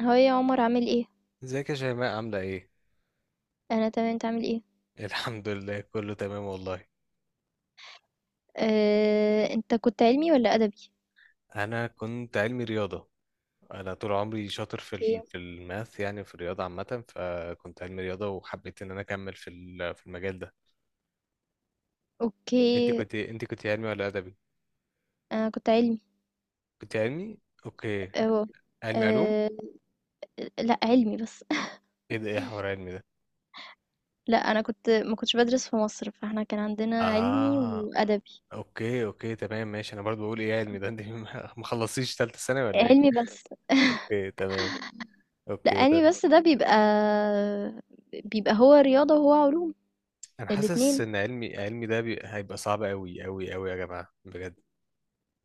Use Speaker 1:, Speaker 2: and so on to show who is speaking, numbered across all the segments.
Speaker 1: هو إيه يا عمر؟ عامل ايه؟
Speaker 2: ازيك يا شيماء عاملة ايه؟
Speaker 1: انا تمام، انت عامل ايه؟
Speaker 2: الحمد لله كله تمام والله.
Speaker 1: آه، انت كنت علمي ولا ادبي؟
Speaker 2: انا كنت علمي رياضة. انا طول عمري شاطر في
Speaker 1: اوكي.
Speaker 2: في الماث، يعني في الرياضة عامة، فكنت علمي رياضة وحبيت ان انا اكمل في في المجال ده.
Speaker 1: اوكي.
Speaker 2: انت كنت علمي ولا ادبي؟
Speaker 1: انا كنت علمي.
Speaker 2: كنت علمي؟ اوكي.
Speaker 1: اهو.
Speaker 2: علمي علوم؟
Speaker 1: آه. لا، علمي بس.
Speaker 2: ايه حوار علمي ده؟
Speaker 1: لا، انا كنت ما كنتش بدرس في مصر، فاحنا كان عندنا علمي
Speaker 2: اه،
Speaker 1: وادبي.
Speaker 2: اوكي اوكي تمام ماشي. انا برضو بقول ايه علمي ده انت؟ ما خلصتيش تالتة ثانوي ولا ايه؟
Speaker 1: علمي بس.
Speaker 2: اوكي تمام
Speaker 1: لا،
Speaker 2: اوكي.
Speaker 1: علمي بس ده بيبقى هو رياضة وهو علوم.
Speaker 2: انا حاسس
Speaker 1: الاتنين.
Speaker 2: ان علمي علمي ده هيبقى صعب قوي قوي قوي يا جماعه بجد.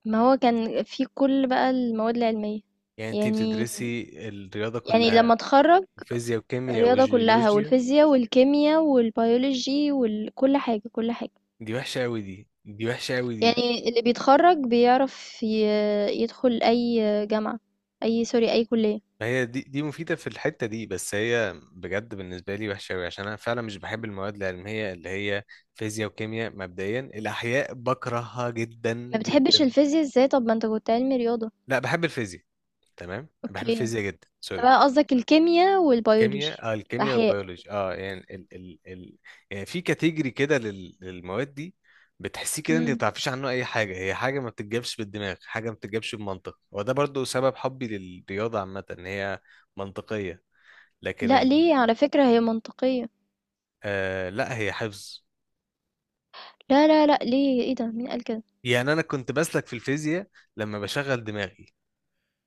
Speaker 1: ما هو كان في كل بقى المواد العلمية.
Speaker 2: يعني انت
Speaker 1: يعني
Speaker 2: بتدرسي الرياضه
Speaker 1: يعني
Speaker 2: كلها،
Speaker 1: لما اتخرج،
Speaker 2: فيزياء وكيمياء
Speaker 1: الرياضة كلها
Speaker 2: وجيولوجيا؟
Speaker 1: والفيزياء والكيمياء والبيولوجي وكل حاجة، كل حاجة.
Speaker 2: دي وحشه قوي دي وحشه قوي دي.
Speaker 1: يعني اللي بيتخرج بيعرف يدخل أي جامعة، أي، سوري، أي كلية.
Speaker 2: ما هي دي مفيده في الحته دي، بس هي بجد بالنسبه لي وحشه قوي، عشان انا فعلا مش بحب المواد العلميه اللي هي فيزياء وكيمياء. مبدئيا الاحياء بكرهها جدا
Speaker 1: ما بتحبش
Speaker 2: جدا.
Speaker 1: الفيزياء ازاي؟ طب ما انت كنت علمي رياضة.
Speaker 2: لا بحب الفيزياء. تمام بحب
Speaker 1: اوكي، انت
Speaker 2: الفيزياء جدا، سوري.
Speaker 1: بقى قصدك الكيمياء
Speaker 2: كيمياء،
Speaker 1: والبيولوجي،
Speaker 2: الكيمياء
Speaker 1: الأحياء.
Speaker 2: والبيولوجي، يعني ال ال ال يعني في كاتيجري كده للمواد دي. بتحسيه كده، انت ما
Speaker 1: مم.
Speaker 2: بتعرفيش عنه اي حاجه، هي حاجه ما بتتجابش بالدماغ، حاجه ما بتتجابش بمنطق، وده برضو سبب حبي للرياضه عامه، ان هي منطقيه. لكن
Speaker 1: لا،
Speaker 2: ال
Speaker 1: ليه؟ على فكرة هي منطقية.
Speaker 2: آه لا، هي حفظ.
Speaker 1: لا، لا، لا، ليه؟ ايه ده؟ مين قال كده؟
Speaker 2: يعني انا كنت بسلك في الفيزياء لما بشغل دماغي،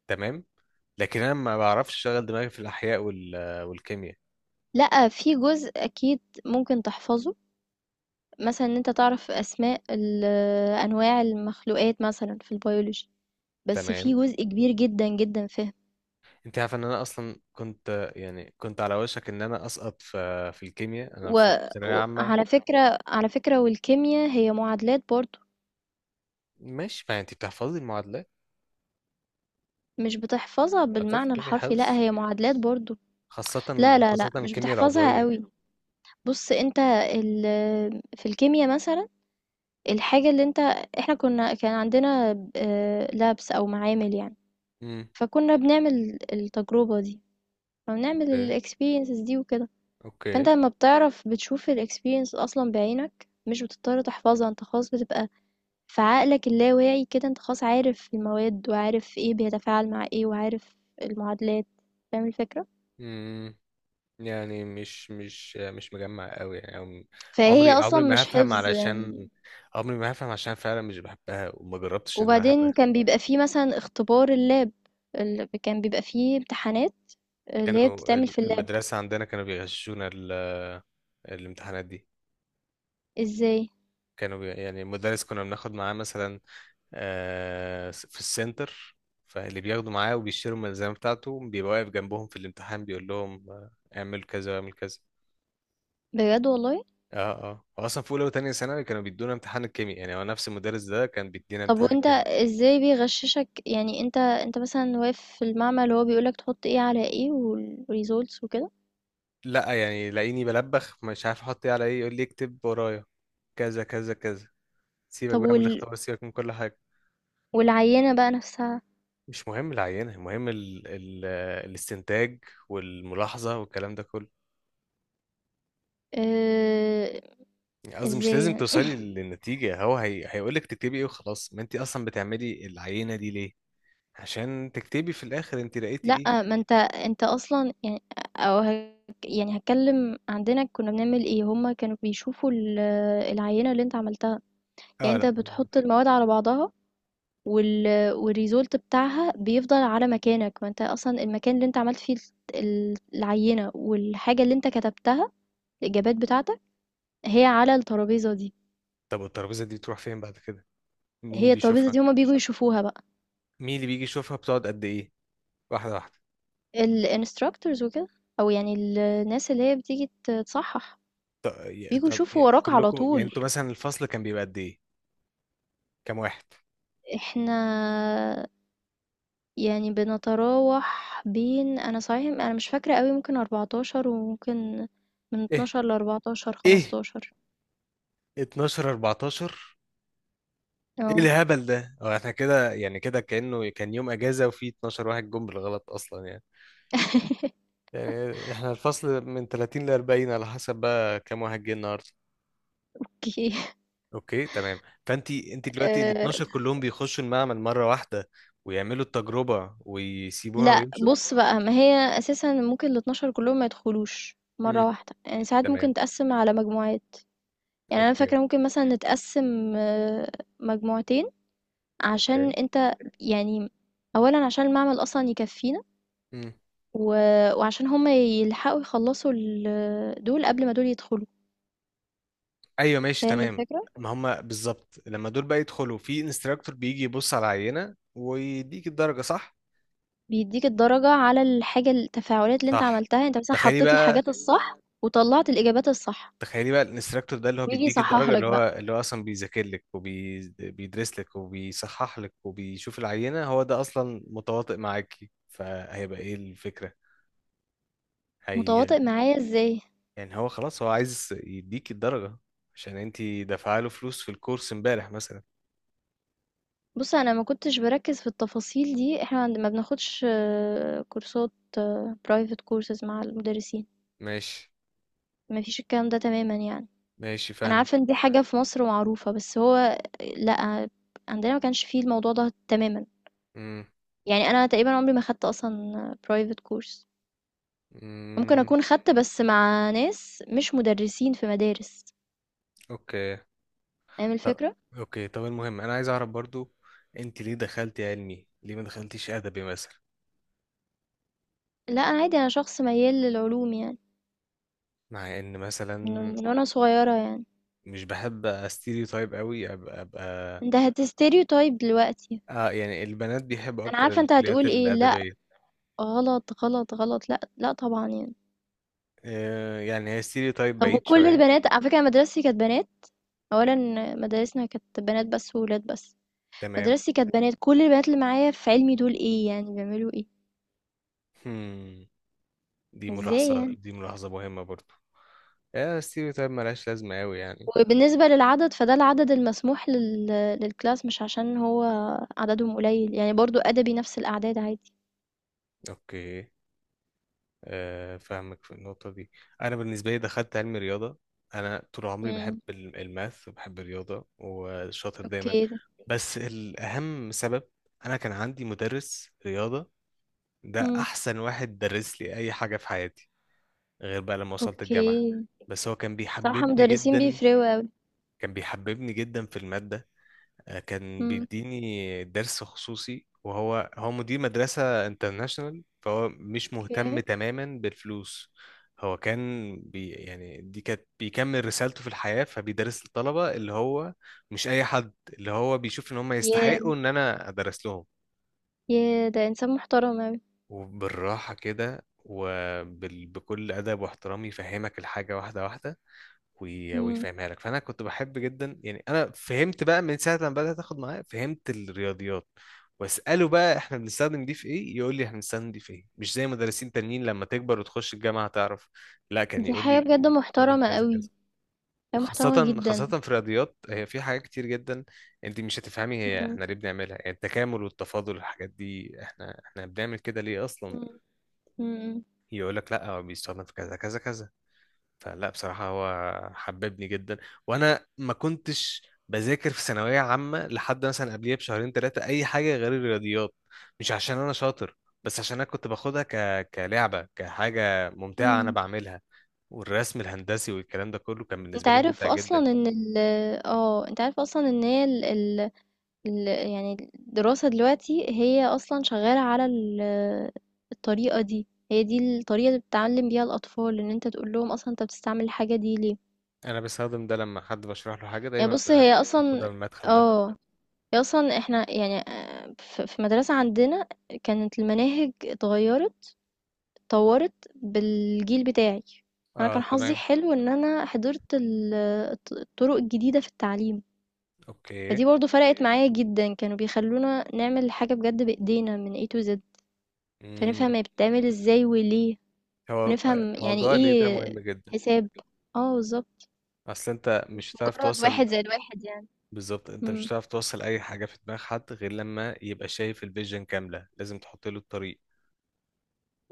Speaker 2: تمام، لكن انا ما بعرفش اشغل دماغي في الاحياء والكيمياء.
Speaker 1: لا، في جزء أكيد ممكن تحفظه، مثلا ان انت تعرف اسماء انواع المخلوقات مثلا في البيولوجي، بس في
Speaker 2: تمام.
Speaker 1: جزء كبير جدًا، جدًا فِهم.
Speaker 2: انت عارف ان انا اصلا كنت، يعني كنت على وشك ان انا اسقط في الكيمياء انا في
Speaker 1: و
Speaker 2: ثانويه
Speaker 1: وعلى
Speaker 2: عامه.
Speaker 1: فكرة، على فكرة والكيميا هي معادلات برضه.
Speaker 2: ماشي، ما انت بتحفظي المعادلات.
Speaker 1: مش بتحفظها
Speaker 2: معادلات
Speaker 1: بالمعنى
Speaker 2: الكيمياء
Speaker 1: الحرفي، لأ،
Speaker 2: حفظ،
Speaker 1: هي معادلات برضه.
Speaker 2: خاصه
Speaker 1: لا، لا، لأ،
Speaker 2: خاصه
Speaker 1: مش
Speaker 2: الكيمياء
Speaker 1: بتحفظها
Speaker 2: العضويه.
Speaker 1: أوي. بُص أنت، ال في الكيميا مثلًا، الحاجة اللي أنت، إحنا كان عندنا labs أو معامل يعني.
Speaker 2: امم.
Speaker 1: فكنا بنعمل التجربة دي، فبنعمل
Speaker 2: اوكي
Speaker 1: الexperiences دي وكده.
Speaker 2: اوكي.
Speaker 1: فأنت لمّا بتعرف بتشوف الexperience أصلًا بعينك، مش بتضطر تحفظها، أنت خلاص بتبقى، فعقلك اللاواعي كده أنت خلاص عارف المواد وعارف إيه بيتفاعل مع إيه وعارف المعادلات. فاهم الفكرة؟
Speaker 2: امم يعني مش مجمع قوي يعني
Speaker 1: فهي
Speaker 2: عمري
Speaker 1: أصلا
Speaker 2: عمري ما
Speaker 1: مش
Speaker 2: هفهم،
Speaker 1: حفظ
Speaker 2: علشان
Speaker 1: يعني.
Speaker 2: عمري ما هفهم عشان فعلا مش بحبها وما جربتش ان انا
Speaker 1: وبعدين
Speaker 2: احبها.
Speaker 1: كان بيبقى فيه مثلا اختبار اللاب، كان بيبقى فيه امتحانات اللي هي
Speaker 2: كانوا
Speaker 1: بتتعمل في اللاب.
Speaker 2: المدرسه عندنا كانوا بيغششونا الامتحانات دي.
Speaker 1: ازاي؟
Speaker 2: يعني المدرس كنا بناخد معاه مثلا في السنتر. فاللي بياخدوا معاه وبيشتروا الملزمة بتاعته بيبقى واقف جنبهم في الامتحان بيقول لهم اعمل كذا واعمل كذا.
Speaker 1: بجد والله؟
Speaker 2: اه اه، هو اصلا في اولى وتانية ثانوي كانوا بيدونا امتحان الكيمياء، يعني هو نفس المدرس ده كان بيدينا
Speaker 1: طب
Speaker 2: امتحان
Speaker 1: وانت
Speaker 2: الكيمياء.
Speaker 1: ازاي بيغششك يعني؟ انت مثلا واقف في المعمل وهو بيقولك تحط ايه على ايه والريزولتس وكده؟
Speaker 2: لا يعني لاقيني بلبخ مش عارف احط ايه على ايه، يقول لي اكتب ورايا كذا كذا كذا. سيبك
Speaker 1: طب
Speaker 2: بقى من الاختبار، سيبك من كل حاجة.
Speaker 1: والعينة بقى نفسها؟
Speaker 2: مش مهم العينة، المهم ال ال الاستنتاج والملاحظة والكلام ده كله.
Speaker 1: اه.
Speaker 2: قصدي مش
Speaker 1: ازاي
Speaker 2: لازم
Speaker 1: يعني؟
Speaker 2: توصلي للنتيجة، هيقولك تكتبي ايه وخلاص. ما انت اصلا بتعملي العينة دي ليه؟ عشان تكتبي في الاخر انت لقيتي
Speaker 1: لأ،
Speaker 2: ايه.
Speaker 1: ما أنت أصلًا يعني، أو هك، يعني هاتكلّم. عندنا كُنّا بنعمل إيه؟ هم كانوا بيشوفوا العينة اللي أنت عملتها. يعني
Speaker 2: اه
Speaker 1: أنت
Speaker 2: لا.
Speaker 1: بتحُط المواد على بعضها، وال والresult بتاعها بيفضل على مكانك. ما أنت أصلًا المكان اللي أنت عملت فيه الس ال العينة، والحاجة اللي أنت كتبتها، الإجابات بتاعتك، هي على الترابيزة دي.
Speaker 2: طب والترابيزة دي بتروح فين بعد كده؟ مين
Speaker 1: هي الترابيزة
Speaker 2: بيشوفها؟
Speaker 1: دي هم بييجوا يشوفوها بقى،
Speaker 2: مين اللي بيجي يشوفها؟ بتقعد قد ايه؟ واحدة واحدة.
Speaker 1: الinstructors وكده، أو يعني الناس اللي هي بتيجي تصحّح، بييجوا يشوفوا وراك على
Speaker 2: كلكم يعني،
Speaker 1: طول.
Speaker 2: انتوا مثلا الفصل كان بيبقى قد ايه؟ كام واحد؟
Speaker 1: إحنا يعني بنتراوح بين، أنا مش فاكرة أوي، ممكن 14 وممكن من
Speaker 2: ايه
Speaker 1: 12 ل14،
Speaker 2: ايه
Speaker 1: 15.
Speaker 2: 12 14؟ ايه
Speaker 1: آه.
Speaker 2: الهبل ده؟ هو احنا كده يعني كده كأنه كان يوم اجازة وفي 12 واحد جم بالغلط اصلا يعني. يعني احنا الفصل من 30 ل 40 على حسب بقى كام واحد جه النهارده.
Speaker 1: أوكي.
Speaker 2: اوكي تمام. فانت دلوقتي ال 12
Speaker 1: آآ
Speaker 2: كلهم بيخشوا المعمل مره واحده ويعملوا التجربه ويسيبوها
Speaker 1: لأ،
Speaker 2: ويمشوا؟
Speaker 1: بُص بقى، ما هي أساسًا ممكن ال12 كلّهم ما يدخلوش
Speaker 2: امم.
Speaker 1: مرّة واحدة. يعني ساعات ممكن
Speaker 2: تمام.
Speaker 1: نتقسّم على مجموعات، يعني أنا
Speaker 2: اوكي
Speaker 1: فاكرة ممكن مثلًا نتقسّم مجموعتين، عشان
Speaker 2: اوكي.
Speaker 1: أنت يعني، أولًا عشان المعمل أصلًا يكفّينا،
Speaker 2: امم.
Speaker 1: و وعشان هم يلحقوا يخلصوا دول قبل ما دول يدخلوا.
Speaker 2: ايوه ماشي
Speaker 1: فاهم
Speaker 2: تمام.
Speaker 1: الفكرة؟
Speaker 2: ما هم بالظبط، لما دول بقى يدخلوا في انستراكتور بيجي يبص على العينه ويديك الدرجه، صح؟
Speaker 1: بيدّيك الدرجة على الحاجة، التفاعلات اللي أنت
Speaker 2: صح.
Speaker 1: عملتها، أنت مثلًا
Speaker 2: تخيلي
Speaker 1: حطيت
Speaker 2: بقى
Speaker 1: الحاجات الصح وطلّعت الإجابات الصح،
Speaker 2: تخيلي بقى الانستراكتور ده اللي هو
Speaker 1: وييجي
Speaker 2: بيديك
Speaker 1: يصحح
Speaker 2: الدرجة،
Speaker 1: لك
Speaker 2: اللي هو
Speaker 1: بقى.
Speaker 2: اللي هو أصلا بيذاكر لك وبيدرس لك وبيصحح لك وبيشوف العينة، هو ده أصلا متواطئ معاكي، فهيبقى إيه الفكرة؟ هي
Speaker 1: متواطئ معايا إزاي؟
Speaker 2: يعني هو خلاص هو عايز يديك الدرجة عشان انتي دافعة له فلوس في الكورس امبارح مثلا.
Speaker 1: بُص، أنا ما كنتش باركّز في التفاصيل دي. إحنا عند، ما بناخدش كورسات، private courses مع المدرسين،
Speaker 2: ماشي
Speaker 1: ما فيش الكلام ده تمامًا يعني.
Speaker 2: ماشي
Speaker 1: أنا
Speaker 2: فاهم.
Speaker 1: عارفة إن دي حاجة في مصر معروفة، بس هو لأ، عندنا ما كانش في الموضوع ده تمامًا.
Speaker 2: امم
Speaker 1: يعني انا تقريبا عمري ما خدت اصلا برايفت كورس، ممكن
Speaker 2: امم.
Speaker 1: اكون خدت بس مع ناس مش مدرسين في مدارس.
Speaker 2: اوكي
Speaker 1: فاهم
Speaker 2: طب
Speaker 1: الفكرة؟
Speaker 2: اوكي طب المهم انا عايز اعرف برضو، انت ليه دخلتي علمي؟ ليه ما دخلتيش ادبي مثلا؟
Speaker 1: لا، انا عادي، انا شخص ميال للعلوم يعني،
Speaker 2: مع ان
Speaker 1: من
Speaker 2: مثلا
Speaker 1: من وانا صغيرة يعني.
Speaker 2: مش بحب استيريو تايب قوي، ابقى.
Speaker 1: انت هتستيريوتايب دلوقتي!
Speaker 2: اه يعني البنات بيحبوا
Speaker 1: انا
Speaker 2: اكتر
Speaker 1: عارفة انت
Speaker 2: الكليات
Speaker 1: هتقول ايه. لا،
Speaker 2: الادبيه.
Speaker 1: غلط، غلط، غلط، لا، لا، طبعا يعني.
Speaker 2: آه يعني هي ستيريو تايب
Speaker 1: طب
Speaker 2: بعيد
Speaker 1: وكل
Speaker 2: شويه.
Speaker 1: البنات، على فكرة أنا مدرستي كانت بنات، اولا مدارسنا كانت بنات بس وولاد بس.
Speaker 2: تمام.
Speaker 1: مدرستي كانت بنات. كل البنات اللي معايا في علمي دول ايه يعني؟ بيعملوا ايه؟
Speaker 2: هم.
Speaker 1: ازاي يعني؟
Speaker 2: دي ملاحظه مهمه برضو. آه، ستيريو تايب ملهاش لازمه قوي يعني.
Speaker 1: وبالنسبة للعدد، فده العدد المسموح لل، للclass، مش عشان هو عددهم قليل، يعني برضه أدبي نفس الأعداد عادي.
Speaker 2: اوكي. فاهمك في النقطه دي. انا بالنسبه لي دخلت علم رياضه. انا طول عمري بحب
Speaker 1: إمم،
Speaker 2: الماث وبحب الرياضه وشاطر دايما.
Speaker 1: أوكي.
Speaker 2: بس الاهم سبب، انا كان عندي مدرس رياضه، ده
Speaker 1: إمم،
Speaker 2: احسن واحد درس لي اي حاجه في حياتي غير بقى لما وصلت الجامعه.
Speaker 1: أوكي.
Speaker 2: بس هو كان
Speaker 1: بصراحة
Speaker 2: بيحببني
Speaker 1: مدرسين
Speaker 2: جدا،
Speaker 1: بيفرقوا أوي.
Speaker 2: كان بيحببني جدا في الماده. كان
Speaker 1: إمم،
Speaker 2: بيديني درس خصوصي، وهو مدير مدرسه انترناشونال، فهو مش مهتم
Speaker 1: أوكي.
Speaker 2: تماما بالفلوس. هو كان بي يعني دي كانت بيكمل رسالته في الحياه، فبيدرس الطلبه اللي هو مش اي حد، اللي هو بيشوف ان هم
Speaker 1: ياه!
Speaker 2: يستحقوا ان انا ادرس لهم.
Speaker 1: ياه! ده إنسان محترم أوي.
Speaker 2: وبالراحة كده وبكل أدب واحترام يفهمك الحاجة واحدة واحدة،
Speaker 1: إمم.
Speaker 2: ويفهمها لك. فأنا كنت بحب جدا، يعني أنا فهمت بقى من ساعة لما بدأت أخد معاه فهمت الرياضيات. وأسأله بقى إحنا بنستخدم دي في إيه؟ يقول لي إحنا بنستخدم دي في إيه، مش زي مدرسين تانيين لما تكبر وتخش الجامعة هتعرف. لا كان
Speaker 1: دي
Speaker 2: يقول
Speaker 1: حاجة
Speaker 2: لي
Speaker 1: بجد
Speaker 2: دي بتستخدم في
Speaker 1: محترمة
Speaker 2: كذا كذا.
Speaker 1: أوي، حاجة محترمة
Speaker 2: وخاصة خاصة
Speaker 1: جدًا.
Speaker 2: في الرياضيات، هي في حاجات كتير جدا انت مش هتفهمي هي
Speaker 1: إمم،
Speaker 2: احنا ليه بنعملها، يعني التكامل والتفاضل الحاجات دي احنا بنعمل كده ليه اصلا؟
Speaker 1: إمم، إمم،
Speaker 2: يقول لك لا هو بيستخدم في كذا كذا كذا. فلا بصراحة هو حببني جدا. وانا ما كنتش بذاكر في ثانوية عامة لحد مثلا قبليها بشهرين ثلاثة اي حاجة غير الرياضيات. مش عشان انا شاطر، بس عشان انا كنت باخدها كلعبة، كحاجة ممتعة انا
Speaker 1: إمم.
Speaker 2: بعملها. والرسم الهندسي والكلام ده كله كان
Speaker 1: أنت
Speaker 2: بالنسبة لي
Speaker 1: عارف
Speaker 2: ممتع
Speaker 1: أصلًا
Speaker 2: جدا.
Speaker 1: إن ال آه، أنت عارف أصلًا إن هي ال يعني الدراسة دلوقتي هي أصلا شغالة على الطريقة دي. هي دي الطريقة اللي بتتعلم بيها الأطفال، إن أنت تقول لهم أصلا أنت بتستعمل الحاجة دي ليه.
Speaker 2: انا بستخدم ده لما حد بشرح له حاجة
Speaker 1: يعني
Speaker 2: دايما
Speaker 1: بص هي
Speaker 2: باخدها
Speaker 1: أصلا،
Speaker 2: من المدخل ده.
Speaker 1: اه، هي أصلا احنا يعني في مدرسة عندنا كانت المناهج اتغيرت، اتطورت بالجيل بتاعي. فأنا
Speaker 2: اه
Speaker 1: كان حظي
Speaker 2: تمام.
Speaker 1: حلو إن أنا حضرت الطرق الجديدة في التعليم،
Speaker 2: اوكي.
Speaker 1: فدي برضو فرقت معايا جدا. كانوا بيخلونا نعمل حاجة بجد بإيدينا من A to Z،
Speaker 2: امم
Speaker 1: فنفهم هي بتتعمل إزاي وليه،
Speaker 2: هو
Speaker 1: ونفهم يعني
Speaker 2: موضوع ليه ده مهم
Speaker 1: إيه
Speaker 2: جدا.
Speaker 1: حساب. آه، بالضبط،
Speaker 2: اصل انت
Speaker 1: مش
Speaker 2: مش هتعرف
Speaker 1: مجرّد
Speaker 2: توصل،
Speaker 1: واحد زائد واحد يعني.
Speaker 2: بالظبط انت مش
Speaker 1: إمم،
Speaker 2: هتعرف توصل اي حاجه في دماغ حد غير لما يبقى شايف الفيجن كامله، لازم تحط له الطريق.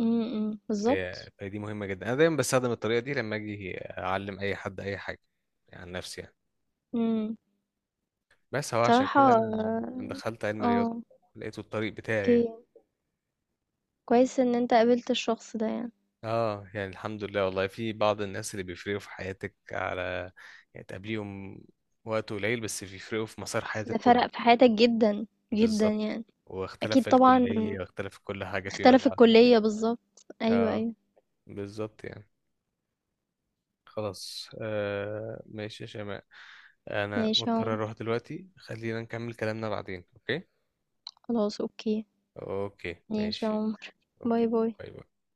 Speaker 1: إمم، إمم،
Speaker 2: فهي
Speaker 1: بالضبط،
Speaker 2: فهي دي مهمه جدا. انا دايما بستخدم الطريقه دي لما اجي اعلم اي حد اي حاجه، يعني عن نفسي يعني.
Speaker 1: إمم.
Speaker 2: بس هو عشان
Speaker 1: بصراحة
Speaker 2: كده أنا دخلت علم الرياضه
Speaker 1: آه،
Speaker 2: لقيته الطريق بتاعي
Speaker 1: أوكي،
Speaker 2: يعني.
Speaker 1: كويس إن أنت قابلت الشخص ده يعني.
Speaker 2: اه يعني الحمد لله والله، في بعض الناس اللي بيفرقوا في حياتك، على يعني تقابليهم وقت قليل بس بيفرقوا في مسار حياتك
Speaker 1: ده فرَق
Speaker 2: كله.
Speaker 1: في حياتك جدًا، جدًا
Speaker 2: بالظبط.
Speaker 1: يعني.
Speaker 2: واختلف
Speaker 1: أكيد
Speaker 2: في
Speaker 1: طبعًا،
Speaker 2: الكلية واختلف في كل حاجة فيما
Speaker 1: اختلف
Speaker 2: بعد.
Speaker 1: الكلية بالضبط، أيوه،
Speaker 2: اه
Speaker 1: أيوه.
Speaker 2: بالظبط يعني. خلاص، ماشي يا شيماء، انا
Speaker 1: ماشي يا
Speaker 2: مضطر اروح
Speaker 1: عمر،
Speaker 2: دلوقتي، خلينا نكمل كلامنا بعدين، اوكي.
Speaker 1: خلاص أوكي.
Speaker 2: اوكي
Speaker 1: ماشي يا
Speaker 2: ماشي.
Speaker 1: عمر. باي،
Speaker 2: اوكي.
Speaker 1: باي.
Speaker 2: باي باي.